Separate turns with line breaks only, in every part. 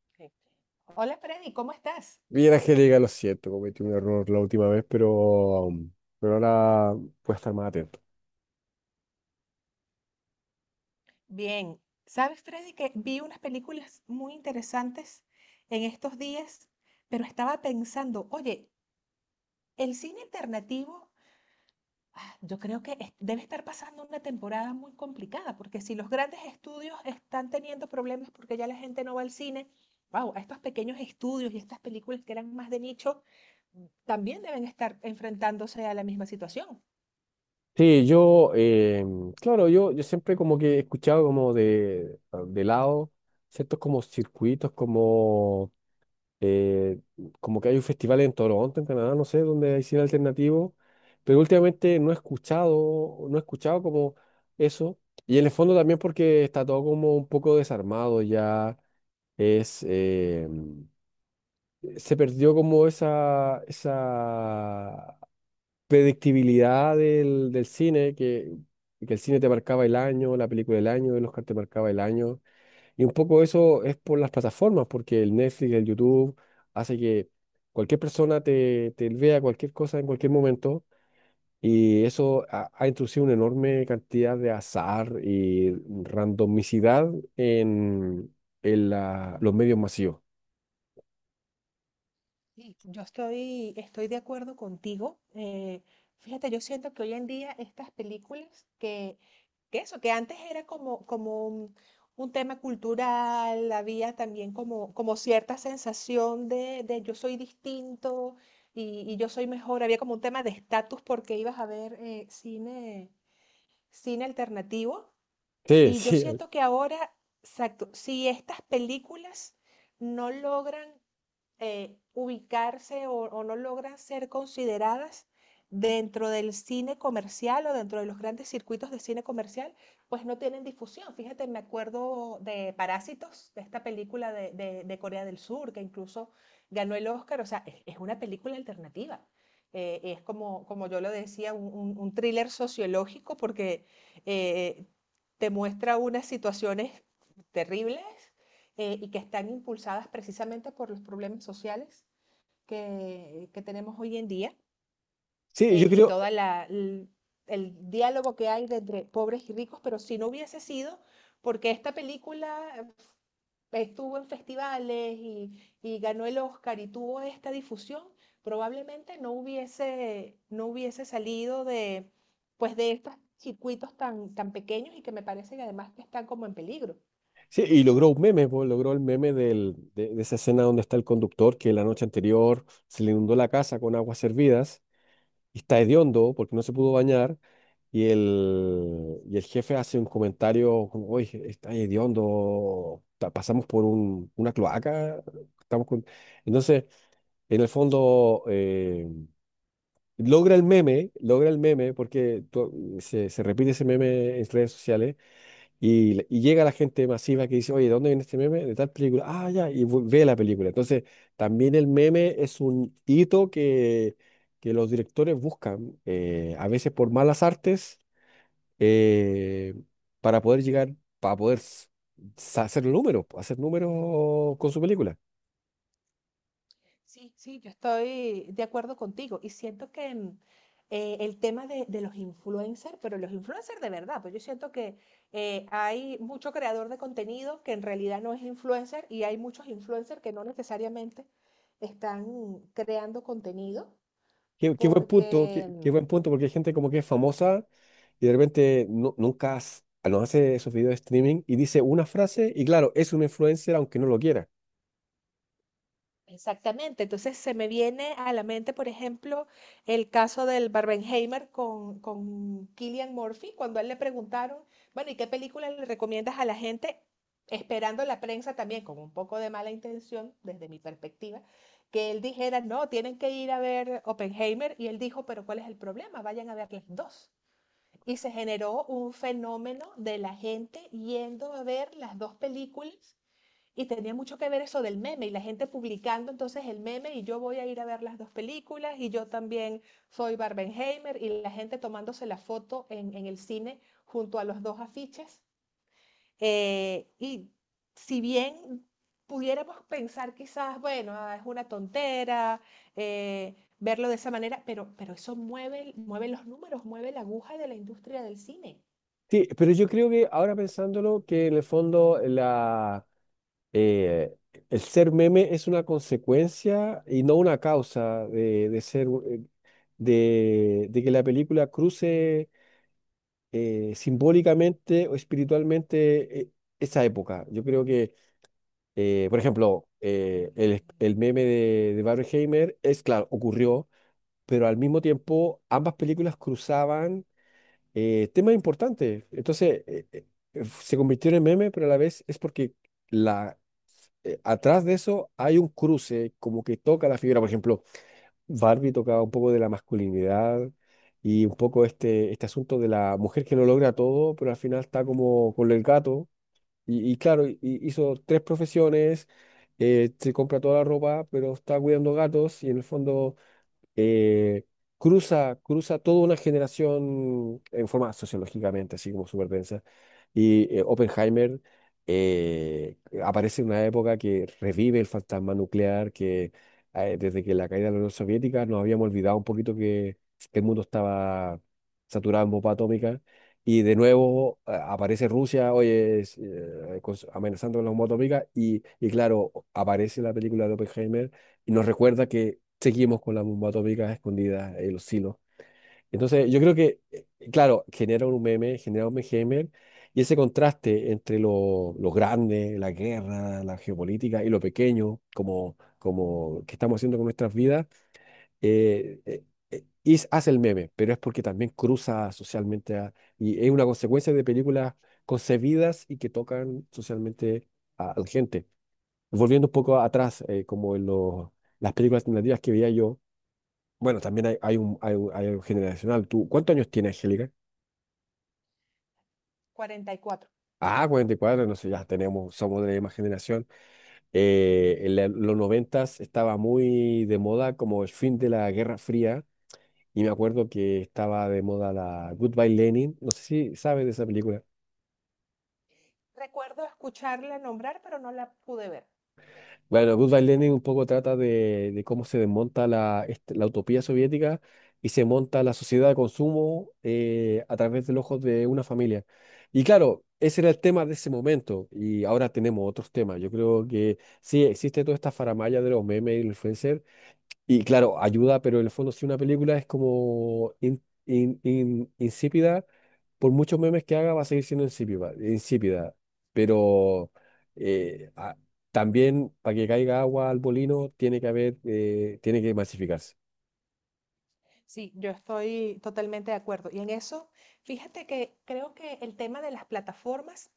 Perfecto. Hola Freddy, ¿cómo estás?
Bien, Angélica, lo siento, cometí un error la última vez, pero, pero ahora voy a estar más atento.
Bien. ¿Sabes, Freddy, que vi unas películas muy interesantes en estos días, pero estaba pensando, oye, el cine alternativo, yo creo que debe estar pasando una temporada muy complicada, porque si los grandes estudios están teniendo problemas porque ya la gente no va al cine, wow, a estos pequeños estudios y estas películas que eran más de nicho, también deben estar enfrentándose a la misma situación.
Sí, claro, yo siempre como que he escuchado como de, de lado ciertos como circuitos, eh, como que hay un festival en Toronto, en Canadá, no sé, donde hay cine alternativo, pero últimamente no he escuchado como eso, y en el fondo también porque está todo como un poco desarmado ya, es... eh, se perdió como esa predictibilidad del cine, que el cine te marcaba el año, la película del año, el Oscar te marcaba el año. Y un poco eso es por las plataformas, porque el Netflix, el YouTube, hace que cualquier persona te vea cualquier cosa en cualquier momento. Y eso ha introducido una enorme cantidad de azar y randomicidad en, en los medios masivos.
Sí, yo estoy de acuerdo contigo. Fíjate, yo siento que hoy en día estas películas que antes era como un tema cultural, había también como cierta sensación de yo soy distinto y yo soy mejor, había como un tema de estatus porque ibas a ver cine, cine alternativo.
Sí,
Y yo siento que ahora, exacto, si estas películas no logran ubicarse o no logran ser consideradas dentro del cine comercial o dentro de los grandes circuitos de cine comercial, pues no tienen difusión. Fíjate, me acuerdo de Parásitos, de esta película de Corea del Sur, que incluso ganó el Oscar. O sea, es una película alternativa. Es como, como yo lo decía, un thriller sociológico porque eh, te muestra unas situaciones terribles, y que están impulsadas precisamente por los problemas sociales que tenemos hoy en día,
sí, yo
y
creo.
todo el diálogo que hay entre pobres y ricos, pero si no hubiese sido porque esta película estuvo en festivales y ganó el Oscar y tuvo esta difusión, probablemente no hubiese salido de, pues de estos circuitos tan, tan pequeños y que me parece que además que están como en peligro.
Sí, y logró un meme, po, logró el meme de esa escena donde está el conductor que la noche anterior se le inundó la casa con aguas hervidas y está hediondo porque no se pudo bañar y el jefe hace un comentario como, oye, está hediondo, pasamos por una cloaca, estamos con... Entonces, en el fondo, logra el meme porque se repite ese meme en redes sociales y llega la gente masiva que dice, oye, ¿de dónde viene este meme? De tal película. Ah, ya, y ve la película. Entonces, también el meme es un hito que los directores buscan, a veces por malas artes, eh, para poder llegar, para poder s- sa- hacer números con su película.
Sí, sí, yo estoy de acuerdo contigo y siento que el tema de los influencers, pero los influencers de verdad, pues yo siento que hay mucho creador de contenido que en realidad no es influencer y hay muchos influencers que no necesariamente están creando contenido
Qué buen punto, qué,
porque
qué buen punto, porque hay gente como que es famosa y de repente nu- nunca hace- no hace esos videos de streaming y dice una frase y claro, es un influencer aunque no lo quiera.
exactamente. Entonces se me viene a la mente, por ejemplo, el caso del Barbenheimer con Cillian Murphy, cuando a él le preguntaron, bueno, ¿y qué película le recomiendas a la gente? Esperando la prensa también, con un poco de mala intención, desde mi perspectiva, que él dijera, no, tienen que ir a ver Oppenheimer. Y él dijo, pero ¿cuál es el problema? Vayan a ver las dos. Y se generó un fenómeno de la gente yendo a ver las dos películas y tenía mucho que ver eso del meme y la gente publicando entonces el meme y yo voy a ir a ver las dos películas y yo también soy Barbenheimer y la gente tomándose la foto en el cine junto a los dos afiches. Eh, y si bien pudiéramos pensar quizás, bueno, ah, es una tontera verlo de esa manera, pero eso mueve, mueve los números, mueve la aguja de la industria del cine.
Sí, pero yo creo que ahora pensándolo, que en el fondo eh, el ser meme es una consecuencia y no una causa de ser, de que la película cruce simbólicamente o espiritualmente esa época. Yo creo por ejemplo, el meme de Barbenheimer es, claro, ocurrió, pero al mismo tiempo ambas películas cruzaban tema importante. Entonces, se convirtió en meme, pero a la vez es porque la, atrás de eso hay un cruce como que toca la figura. Por ejemplo, Barbie tocaba un poco de la masculinidad y un poco este asunto de la mujer que no logra todo, pero al final está como con el gato. Y claro, y hizo tres profesiones, se compra toda la ropa, pero está cuidando gatos y en el fondo eh, cruza, cruza toda una generación en forma sociológicamente, así como súper densa. Y Oppenheimer eh, aparece en una época que revive el fantasma nuclear, que desde que la caída de la Unión Soviética nos habíamos olvidado un poquito que el mundo estaba saturado en bomba atómica. Y de nuevo aparece Rusia, oye, amenazando con la bomba atómica. Y claro, aparece la película de Oppenheimer y nos recuerda que seguimos con la bomba atómica escondida en los silos. Entonces, yo creo que, claro, genera un meme y ese contraste entre lo grande, la guerra, la geopolítica y lo pequeño, como que estamos haciendo con nuestras vidas, eh, eh, hace el meme, pero es porque también cruza socialmente y es una consecuencia de películas concebidas y que tocan socialmente a la gente. Volviendo un poco atrás, como en las películas alternativas que veía yo, bueno, también hay algo generacional. ¿Tú, cuántos años tiene Angélica?
44.
Ah, 44 no sé, ya tenemos, somos de la misma generación. En los noventas estaba muy de moda como el fin de la Guerra Fría y me acuerdo que estaba de moda la Goodbye Lenin, no sé si sabes de esa película.
Recuerdo escucharla nombrar, pero no la pude ver.
Bueno, Goodbye Lenin un poco trata de cómo se desmonta la utopía soviética y se monta la sociedad de consumo a través del ojo de una familia. Y claro, ese era el tema de ese momento y ahora tenemos otros temas. Yo creo que sí, existe toda esta faramalla de los memes y los influencers, y claro, ayuda, pero en el fondo si una película es como insípida, por muchos memes que haga va a seguir siendo insípida, insípida. Pero eh, a- también para que caiga agua al molino tiene que haber, tiene que masificarse.
Sí, yo estoy totalmente de acuerdo. Y en eso, fíjate que creo que el tema de las plataformas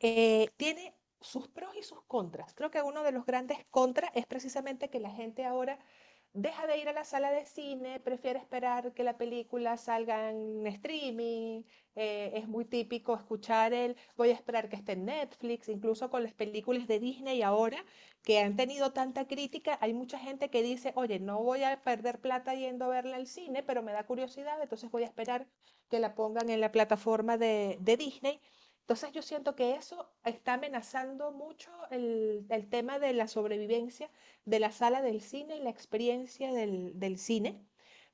tiene sus pros y sus contras. Creo que uno de los grandes contras es precisamente que la gente ahora deja de ir a la sala de cine, prefiere esperar que la película salga en streaming. Es muy típico escuchar el voy a esperar que esté en Netflix, incluso con las películas de Disney ahora que han tenido tanta crítica, hay mucha gente que dice, oye, no voy a perder plata yendo a verla al cine, pero me da curiosidad, entonces voy a esperar que la pongan en la plataforma de Disney. Entonces yo siento que eso está amenazando mucho el tema de la sobrevivencia de la sala del cine y la experiencia del, del cine.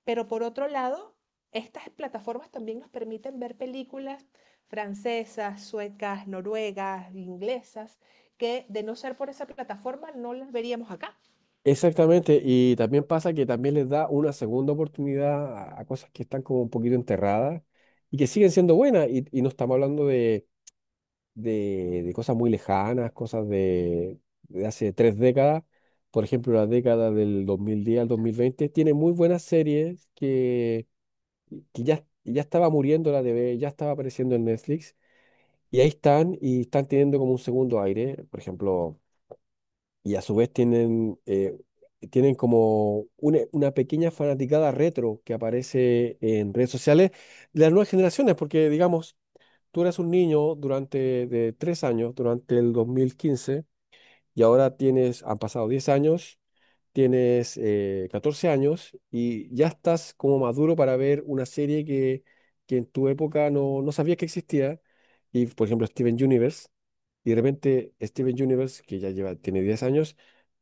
Pero por otro lado, estas plataformas también nos permiten ver películas francesas, suecas, noruegas, inglesas, que de no ser por esa plataforma no las veríamos acá.
Exactamente, y también pasa que también les da una segunda oportunidad a cosas que están como un poquito enterradas y que siguen siendo buenas y no estamos hablando de cosas muy lejanas, cosas de hace tres décadas, por ejemplo, la década del 2010 al 2020 tiene muy buenas series que ya estaba muriendo la TV, ya estaba apareciendo en Netflix, y ahí están, y están teniendo como un segundo aire, por ejemplo, y a su vez tienen, tienen como una pequeña fanaticada retro que aparece en redes sociales de las nuevas generaciones, porque digamos, tú eras un niño durante de tres años, durante el 2015, y ahora tienes, han pasado 10 años, tienes 14 años y ya estás como maduro para ver una serie que en tu época no sabías que existía, y por ejemplo Steven Universe, y de repente Steven Universe, que ya lleva, tiene 10 años,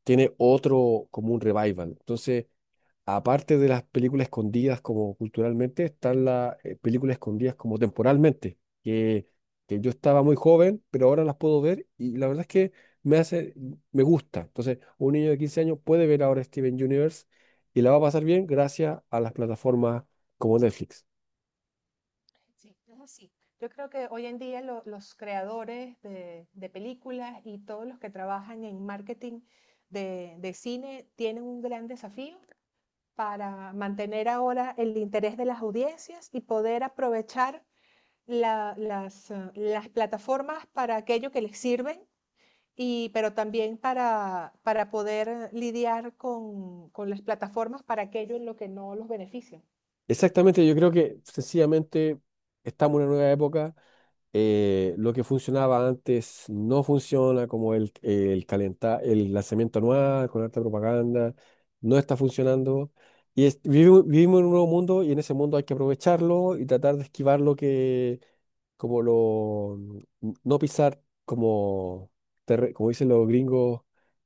tiene otro como un revival. Entonces, aparte de las películas escondidas como culturalmente, están las películas escondidas como temporalmente, que, que yo estaba muy joven, pero ahora las puedo ver y la verdad es que me hace, me gusta. Entonces, un niño de 15 años puede ver ahora Steven Universe y la va a pasar bien gracias a las plataformas como Netflix.
Sí, es así. Yo creo que hoy en día los creadores de películas y todos los que trabajan en marketing de cine tienen un gran desafío para mantener ahora el interés de las audiencias y poder aprovechar las plataformas para aquello que les sirven, y, pero también para poder lidiar con las plataformas para aquello en lo que no los benefician.
Exactamente, yo creo que sencillamente estamos en una nueva época, lo que funcionaba antes no funciona, como el el lanzamiento anual con alta propaganda, no está funcionando. Vivimos en un nuevo mundo y en ese mundo hay que aprovecharlo y tratar de esquivar lo que, como lo, no pisar como dicen los gringos,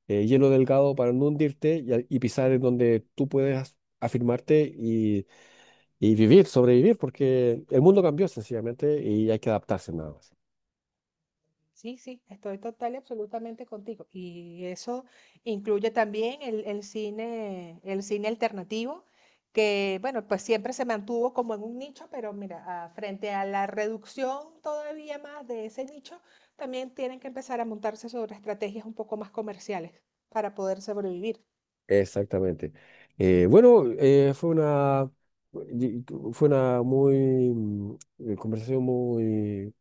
hielo delgado para no hundirte y pisar en donde tú puedes afirmarte y vivir, sobrevivir, porque el mundo cambió sencillamente y hay que adaptarse nada más.
Sí, sí, estoy total y absolutamente contigo. Y eso incluye también el cine alternativo, que bueno, pues siempre se mantuvo como en un nicho, pero mira, ah, frente a la reducción todavía más de ese nicho, también tienen que empezar a montarse sobre estrategias un poco más comerciales para poder sobrevivir.
Exactamente. Bueno, fue una y- fue una muy mm, conversación muy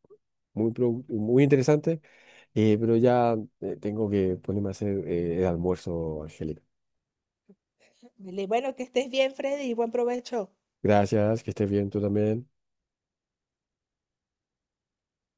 muy interesante, pero ya tengo que ponerme a hacer el almuerzo, Angélica.
Vale, bueno, que estés bien, Freddy, y buen provecho.
Gracias, que estés bien tú también.